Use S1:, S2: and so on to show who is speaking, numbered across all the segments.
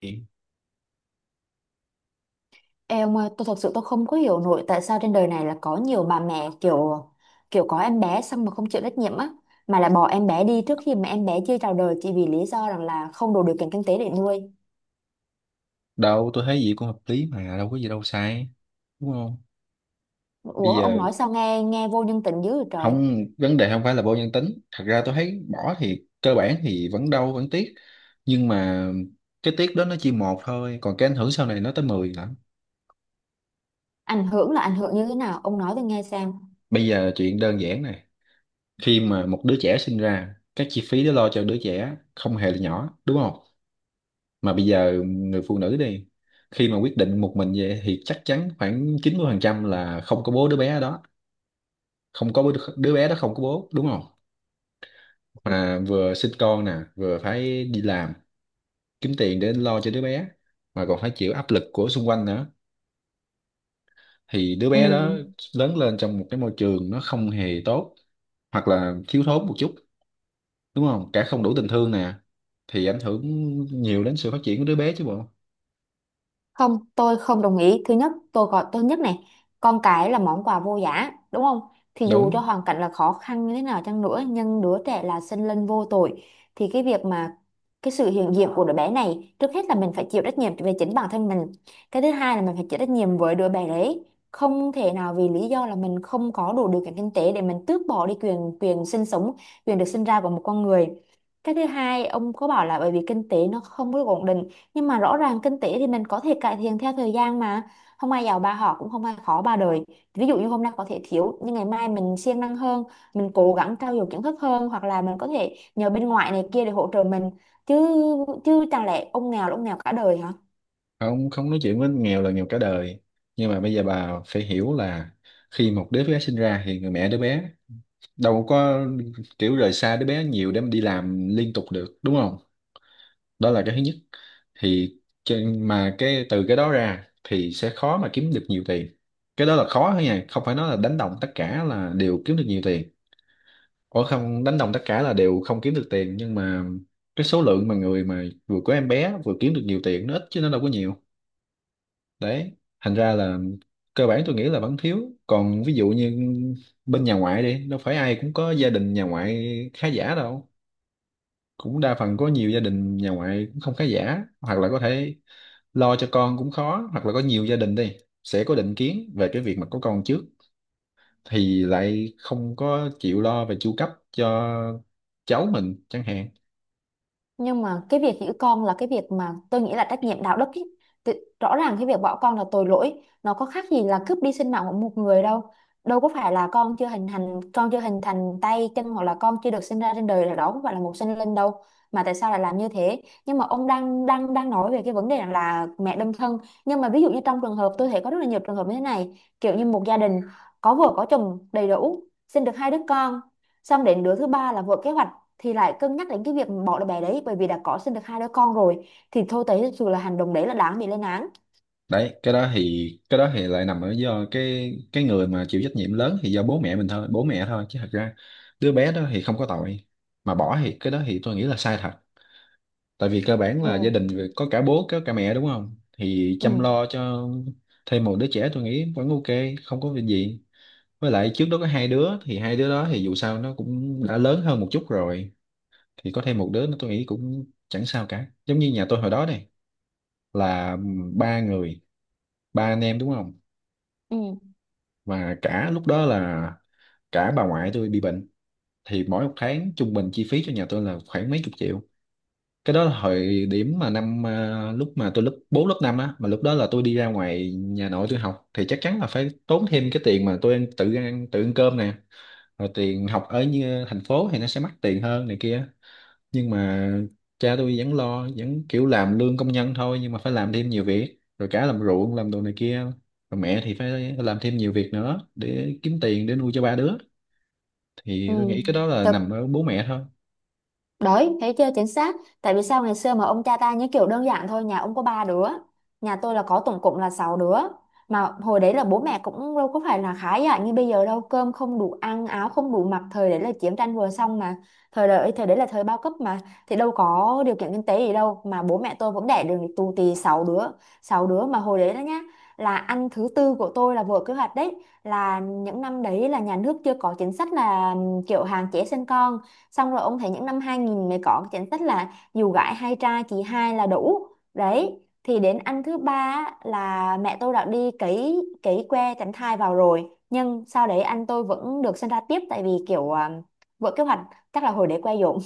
S1: Thì
S2: Ê ông ơi, tôi thật sự không có hiểu nổi tại sao trên đời này là có nhiều bà mẹ kiểu kiểu có em bé xong mà không chịu trách nhiệm á, mà lại bỏ em bé đi trước khi mà em bé chưa chào đời chỉ vì lý do rằng là không đủ điều kiện kinh tế để nuôi.
S1: đâu, tôi thấy gì cũng hợp lý mà đâu có gì đâu sai, đúng không? Bây
S2: Ủa ông
S1: giờ
S2: nói sao nghe nghe vô nhân tính dữ vậy trời.
S1: không, vấn đề không phải là vô nhân tính, thật ra tôi thấy bỏ thì cơ bản thì vẫn đau vẫn tiếc, nhưng mà cái tiếc đó nó chỉ một thôi, còn cái ảnh hưởng sau này nó tới 10 lắm.
S2: Ảnh hưởng là ảnh hưởng như thế nào? Ông nói tôi nghe xem.
S1: Bây giờ chuyện đơn giản này, khi mà một đứa trẻ sinh ra, các chi phí để lo cho đứa trẻ không hề là nhỏ, đúng không? Mà bây giờ người phụ nữ đi, khi mà quyết định một mình vậy thì chắc chắn khoảng 90% là không có bố đứa bé đó. Không có bố đứa bé đó, không có bố, đúng không? Mà vừa sinh con nè, vừa phải đi làm kiếm tiền để lo cho đứa bé, mà còn phải chịu áp lực của xung quanh nữa. Thì đứa
S2: Ừ.
S1: bé đó lớn lên trong một cái môi trường nó không hề tốt, hoặc là thiếu thốn một chút, đúng không, cả không đủ tình thương nè, thì ảnh hưởng nhiều đến sự phát triển của đứa bé chứ bộ.
S2: Không, tôi không đồng ý. Thứ nhất, tôi gọi tôi nhất này, con cái là món quà vô giá, đúng không? Thì dù cho
S1: Đúng
S2: hoàn cảnh là khó khăn như thế nào chăng nữa, nhưng đứa trẻ là sinh linh vô tội. Thì cái việc mà cái sự hiện diện của đứa bé này, trước hết là mình phải chịu trách nhiệm về chính bản thân mình. Cái thứ hai là mình phải chịu trách nhiệm với đứa bé đấy. Không thể nào vì lý do là mình không có đủ điều kiện kinh tế để mình tước bỏ đi quyền quyền sinh sống, quyền được sinh ra của một con người. Cái thứ hai, ông có bảo là bởi vì kinh tế nó không có được ổn định, nhưng mà rõ ràng kinh tế thì mình có thể cải thiện theo thời gian mà, không ai giàu ba họ cũng không ai khó ba đời, ví dụ như hôm nay có thể thiếu nhưng ngày mai mình siêng năng hơn, mình cố gắng trau dồi kiến thức hơn hoặc là mình có thể nhờ bên ngoại này kia để hỗ trợ mình chứ. Chẳng lẽ ông nghèo là ông nghèo cả đời hả?
S1: không, không nói chuyện với nghèo là nghèo cả đời, nhưng mà bây giờ bà phải hiểu là khi một đứa bé sinh ra thì người mẹ đứa bé đâu có kiểu rời xa đứa bé nhiều để mà đi làm liên tục được, đúng không? Đó là cái thứ nhất. Thì mà cái từ cái đó ra thì sẽ khó mà kiếm được nhiều tiền. Cái đó là khó thôi nha, không phải nói là đánh đồng tất cả là đều kiếm được nhiều tiền. Ủa, không đánh đồng tất cả là đều không kiếm được tiền, nhưng mà cái số lượng mà người mà vừa có em bé vừa kiếm được nhiều tiền nó ít chứ nó đâu có nhiều. Đấy, thành ra là cơ bản tôi nghĩ là vẫn thiếu. Còn ví dụ như bên nhà ngoại đi, đâu phải ai cũng có gia đình nhà ngoại khá giả đâu, cũng đa phần có nhiều gia đình nhà ngoại cũng không khá giả, hoặc là có thể lo cho con cũng khó, hoặc là có nhiều gia đình đi sẽ có định kiến về cái việc mà có con trước thì lại không có chịu lo về chu cấp cho cháu mình chẳng hạn.
S2: Nhưng mà cái việc giữ con là cái việc mà tôi nghĩ là trách nhiệm đạo đức ý. Thì rõ ràng cái việc bỏ con là tội lỗi, nó có khác gì là cướp đi sinh mạng của một người đâu, đâu có phải là con chưa hình thành, tay chân hoặc là con chưa được sinh ra trên đời là đó không phải là một sinh linh đâu, mà tại sao lại làm như thế. Nhưng mà ông đang đang đang nói về cái vấn đề là mẹ đơn thân, nhưng mà ví dụ như trong trường hợp tôi thấy có rất là nhiều trường hợp như thế này, kiểu như một gia đình có vợ có chồng đầy đủ sinh được hai đứa con, xong đến đứa thứ ba là vợ kế hoạch thì lại cân nhắc đến cái việc bỏ đứa bé đấy bởi vì đã có sinh được hai đứa con rồi thì thôi, thấy thực sự là hành động đấy là đáng bị lên án.
S1: Đấy, cái đó thì lại nằm ở do cái người mà chịu trách nhiệm lớn thì do bố mẹ mình thôi, bố mẹ thôi, chứ thật ra đứa bé đó thì không có tội. Mà bỏ thì cái đó thì tôi nghĩ là sai thật, tại vì cơ bản
S2: Ừ.
S1: là gia đình vì có cả bố có cả mẹ, đúng không, thì
S2: Ừ.
S1: chăm lo cho thêm một đứa trẻ tôi nghĩ vẫn ok, không có việc gì. Với lại trước đó có hai đứa thì hai đứa đó thì dù sao nó cũng đã lớn hơn một chút rồi, thì có thêm một đứa nữa tôi nghĩ cũng chẳng sao cả. Giống như nhà tôi hồi đó này, là ba người, ba anh em, đúng không?
S2: ừ
S1: Và cả lúc đó là cả bà ngoại tôi bị bệnh, thì mỗi một tháng trung bình chi phí cho nhà tôi là khoảng mấy chục triệu. Cái đó là thời điểm mà lúc mà tôi lớp 4 lớp 5 á, mà lúc đó là tôi đi ra ngoài nhà nội tôi học thì chắc chắn là phải tốn thêm cái tiền mà tôi ăn, tự ăn cơm nè, rồi tiền học ở như thành phố thì nó sẽ mắc tiền hơn này kia. Nhưng mà cha tôi vẫn lo, vẫn kiểu làm lương công nhân thôi nhưng mà phải làm thêm nhiều việc, rồi cả làm ruộng làm đồ này kia, rồi mẹ thì phải làm thêm nhiều việc nữa để kiếm tiền để nuôi cho ba đứa. Thì
S2: ừ
S1: tôi nghĩ cái đó là
S2: tớ
S1: nằm ở bố mẹ thôi.
S2: Đấy, thấy chưa chính xác. Tại vì sao ngày xưa mà ông cha ta như kiểu đơn giản thôi, nhà ông có ba đứa, nhà tôi là có tổng cộng là 6 đứa. Mà hồi đấy là bố mẹ cũng đâu có phải là khá giả như bây giờ đâu, cơm không đủ ăn, áo không đủ mặc, thời đấy là chiến tranh vừa xong mà. Thời đấy là thời bao cấp mà, thì đâu có điều kiện kinh tế gì đâu mà bố mẹ tôi vẫn đẻ được tù tì 6 đứa, 6 đứa mà hồi đấy đó nhá, là ăn thứ tư của tôi là vừa kế hoạch đấy, là những năm đấy là nhà nước chưa có chính sách là kiểu hạn chế sinh con. Xong rồi ông thấy những năm 2000 mới có cái chính sách là dù gái hay trai chỉ hai là đủ. Đấy thì đến anh thứ ba á, là mẹ tôi đã đi cấy cấy que tránh thai vào rồi nhưng sau đấy anh tôi vẫn được sinh ra tiếp, tại vì kiểu vỡ kế hoạch, chắc là hồi đấy que dỗm.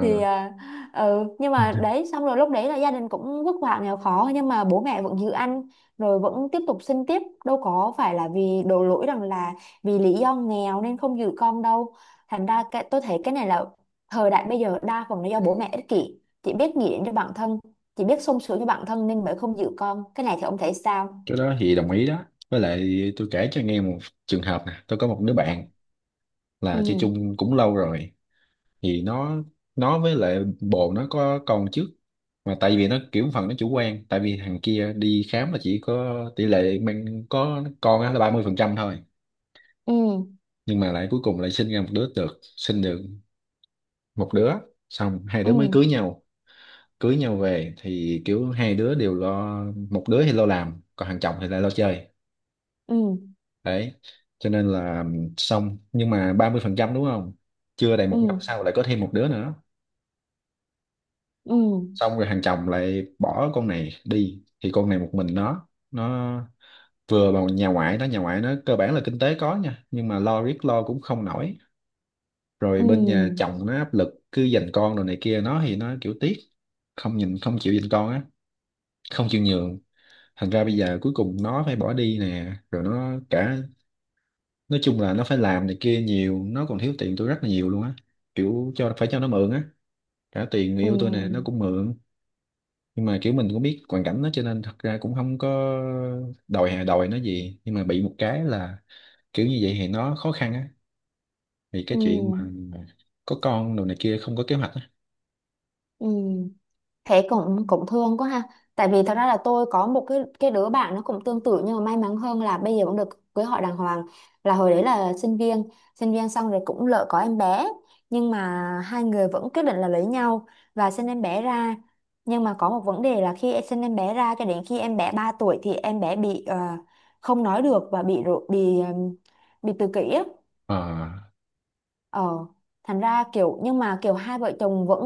S2: thì à, ừ nhưng mà
S1: Ờ,
S2: đấy, xong rồi lúc đấy là gia đình cũng vất vả nghèo khó nhưng mà bố mẹ vẫn giữ ăn rồi vẫn tiếp tục sinh tiếp, đâu có phải là vì đổ lỗi rằng là vì lý do nghèo nên không giữ con đâu. Thành ra cái, tôi thấy cái này là thời đại bây giờ đa phần là do bố mẹ ích kỷ chỉ biết nghĩ đến cho bản thân, chỉ biết sung sướng cho bản thân nên mới không giữ con cái này, thì ông thấy sao?
S1: cái đó thì đồng ý đó. Với lại tôi kể cho nghe một trường hợp nè. Tôi có một đứa bạn là chơi
S2: Ừ.
S1: chung cũng lâu rồi, thì nó với lại bồ nó có con trước, mà tại vì nó kiểu phần nó chủ quan tại vì thằng kia đi khám là chỉ có tỷ lệ mang có con á là 30% thôi,
S2: Ừ.
S1: nhưng mà lại cuối cùng lại sinh ra một đứa, được sinh được một đứa, xong hai đứa mới
S2: Ừ.
S1: cưới nhau. Cưới nhau về thì kiểu hai đứa đều lo, một đứa thì lo làm còn thằng chồng thì lại lo chơi.
S2: Ừ.
S1: Đấy, cho nên là xong. Nhưng mà 30% đúng không, chưa đầy
S2: Ừ.
S1: một năm sau lại có thêm một đứa nữa.
S2: ừ
S1: Xong rồi hàng chồng lại bỏ con này đi, thì con này một mình nó vừa vào nhà ngoại nó, nhà ngoại nó cơ bản là kinh tế có nha, nhưng mà lo riết lo cũng không nổi. Rồi bên nhà
S2: ừ
S1: chồng nó áp lực cứ giành con rồi này kia, nó thì nó kiểu tiếc, không nhìn, không chịu giành con á, không chịu nhường. Thành ra bây giờ cuối cùng nó phải bỏ đi nè, rồi nó cả, nói chung là nó phải làm này kia nhiều, nó còn thiếu tiền tôi rất là nhiều luôn á, kiểu cho, phải cho nó mượn á, cả tiền người yêu tôi nè nó
S2: ừ
S1: cũng mượn. Nhưng mà kiểu mình cũng biết hoàn cảnh nó cho nên thật ra cũng không có đòi nó gì, nhưng mà bị một cái là kiểu như vậy thì nó khó khăn á, vì cái
S2: ừ
S1: chuyện mà có con đồ này kia không có kế hoạch á.
S2: ừ Thế cũng cũng thương quá ha. Tại vì thật ra là tôi có một cái đứa bạn nó cũng tương tự nhưng mà may mắn hơn là bây giờ cũng được cưới hỏi đàng hoàng. Là hồi đấy là sinh viên xong rồi cũng lỡ có em bé nhưng mà hai người vẫn quyết định là lấy nhau và sinh em bé ra. Nhưng mà có một vấn đề là khi sinh em bé ra cho đến khi em bé 3 tuổi thì em bé bị không nói được và bị tự kỷ á.
S1: à,
S2: Ờ, thành ra kiểu, nhưng mà kiểu hai vợ chồng vẫn,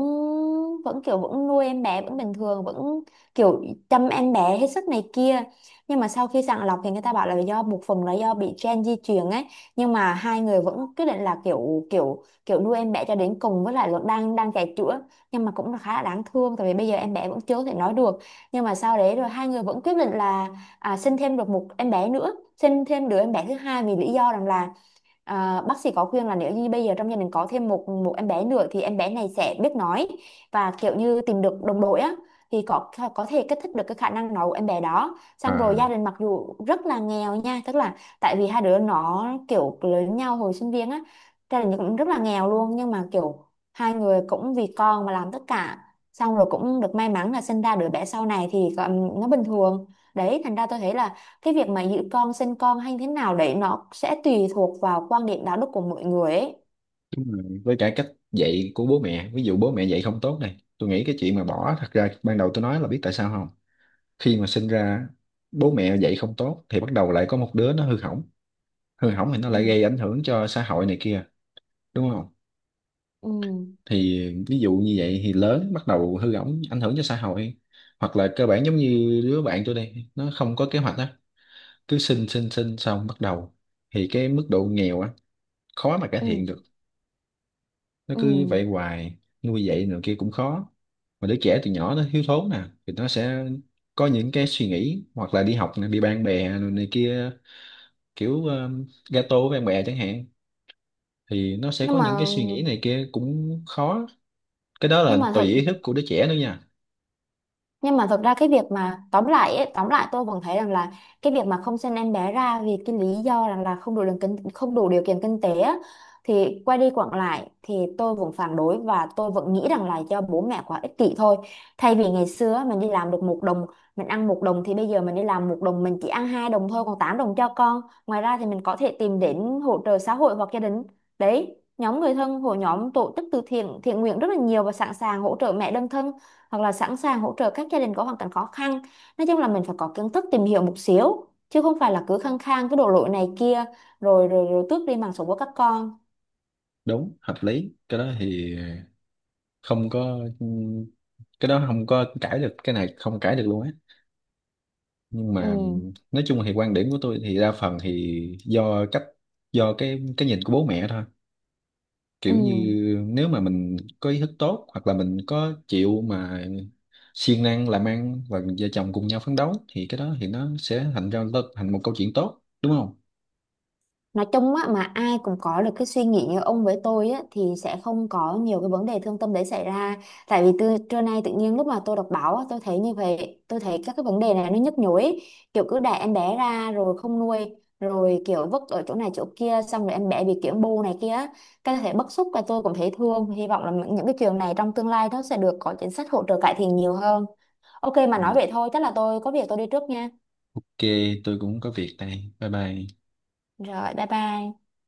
S2: vẫn kiểu vẫn nuôi em bé vẫn bình thường, vẫn kiểu chăm em bé hết sức này kia, nhưng mà sau khi sàng lọc thì người ta bảo là do một phần là do bị gen di truyền ấy, nhưng mà hai người vẫn quyết định là kiểu kiểu kiểu nuôi em bé cho đến cùng, với lại vẫn đang đang chạy chữa. Nhưng mà cũng là khá là đáng thương tại vì bây giờ em bé vẫn chưa thể nói được. Nhưng mà sau đấy rồi hai người vẫn quyết định là sinh thêm được một em bé nữa, sinh thêm đứa em bé thứ hai vì lý do rằng là, à, bác sĩ có khuyên là nếu như bây giờ trong gia đình có thêm một một em bé nữa thì em bé này sẽ biết nói và kiểu như tìm được đồng đội á, thì có thể kích thích được cái khả năng nói của em bé đó. Xong rồi
S1: à,
S2: gia đình mặc dù rất là nghèo nha, tức là tại vì hai đứa nó kiểu lớn nhau hồi sinh viên á, gia đình cũng rất là nghèo luôn, nhưng mà kiểu hai người cũng vì con mà làm tất cả. Xong rồi cũng được may mắn là sinh ra đứa bé sau này thì nó bình thường. Đấy, thành ra tôi thấy là cái việc mà giữ con sinh con hay thế nào đấy nó sẽ tùy thuộc vào quan điểm đạo đức của mỗi người ấy.
S1: Đúng rồi. Với cả cách dạy của bố mẹ, ví dụ bố mẹ dạy không tốt này, tôi nghĩ cái chuyện mà bỏ thật ra ban đầu tôi nói là biết tại sao không. Khi mà sinh ra bố mẹ dạy không tốt thì bắt đầu lại có một đứa nó hư hỏng, hư hỏng thì nó lại
S2: Ừ.
S1: gây ảnh hưởng cho xã hội này kia, đúng không?
S2: Ừ.
S1: Thì ví dụ như vậy thì lớn bắt đầu hư hỏng ảnh hưởng cho xã hội, hoặc là cơ bản giống như đứa bạn tôi đây, nó không có kế hoạch á, cứ sinh sinh sinh xong bắt đầu thì cái mức độ nghèo á khó mà cải thiện
S2: ừ
S1: được, nó
S2: ừ
S1: cứ vậy hoài, nuôi dạy nữa kia cũng khó. Mà đứa trẻ từ nhỏ nó thiếu thốn nè thì nó sẽ có những cái suy nghĩ, hoặc là đi học nè, bị bạn bè này kia, kiểu gato với bạn bè chẳng hạn, thì nó sẽ có
S2: nhưng
S1: những
S2: mà
S1: cái suy nghĩ này kia cũng khó. Cái đó là
S2: nhưng mà
S1: tùy
S2: thật
S1: ý thức của đứa trẻ nữa nha.
S2: nhưng mà thực ra cái việc mà tóm lại ấy, tóm lại tôi vẫn thấy rằng là cái việc mà không sinh em bé ra vì cái lý do rằng là không đủ điều kiện kinh tế á, thì quay đi quẩn lại thì tôi vẫn phản đối và tôi vẫn nghĩ rằng là do bố mẹ quá ích kỷ thôi. Thay vì ngày xưa á, mình đi làm được một đồng mình ăn một đồng, thì bây giờ mình đi làm một đồng mình chỉ ăn hai đồng thôi còn 8 đồng cho con. Ngoài ra thì mình có thể tìm đến hỗ trợ xã hội hoặc gia đình, đấy, nhóm người thân, hội nhóm, tổ chức từ thiện thiện nguyện rất là nhiều và sẵn sàng hỗ trợ mẹ đơn thân hoặc là sẵn sàng hỗ trợ các gia đình có hoàn cảnh khó khăn. Nói chung là mình phải có kiến thức tìm hiểu một xíu chứ không phải là cứ khăng khăng cái đổ lỗi này kia rồi rồi rồi tước đi mạng sống của các con.
S1: Đúng, hợp lý. Cái đó thì không có, cái đó không có cãi được, cái này không cãi được luôn á. Nhưng mà
S2: Ừ.
S1: nói chung thì quan điểm của tôi thì đa phần thì do cách, do cái nhìn của bố mẹ thôi. Kiểu
S2: Ừ.
S1: như nếu mà mình có ý thức tốt, hoặc là mình có chịu mà siêng năng làm ăn và vợ chồng cùng nhau phấn đấu, thì cái đó thì nó sẽ thành ra thành một câu chuyện tốt, đúng không?
S2: Nói chung á, mà ai cũng có được cái suy nghĩ như ông với tôi á thì sẽ không có nhiều cái vấn đề thương tâm đấy xảy ra. Tại vì từ trưa nay tự nhiên lúc mà tôi đọc báo á, tôi thấy như vậy, tôi thấy các cái vấn đề này nó nhức nhối ấy. Kiểu cứ đẻ em bé ra rồi không nuôi rồi kiểu vứt ở chỗ này chỗ kia, xong rồi em bé bị kiểu bô này kia á. Cái thể bức xúc và tôi cũng thấy thương, hy vọng là những cái trường này trong tương lai nó sẽ được có chính sách hỗ trợ cải thiện nhiều hơn. Ok, mà
S1: Ừ.
S2: nói vậy thôi, chắc là tôi có việc tôi đi trước nha.
S1: Ok, tôi cũng có việc đây. Bye bye.
S2: Rồi, bye bye.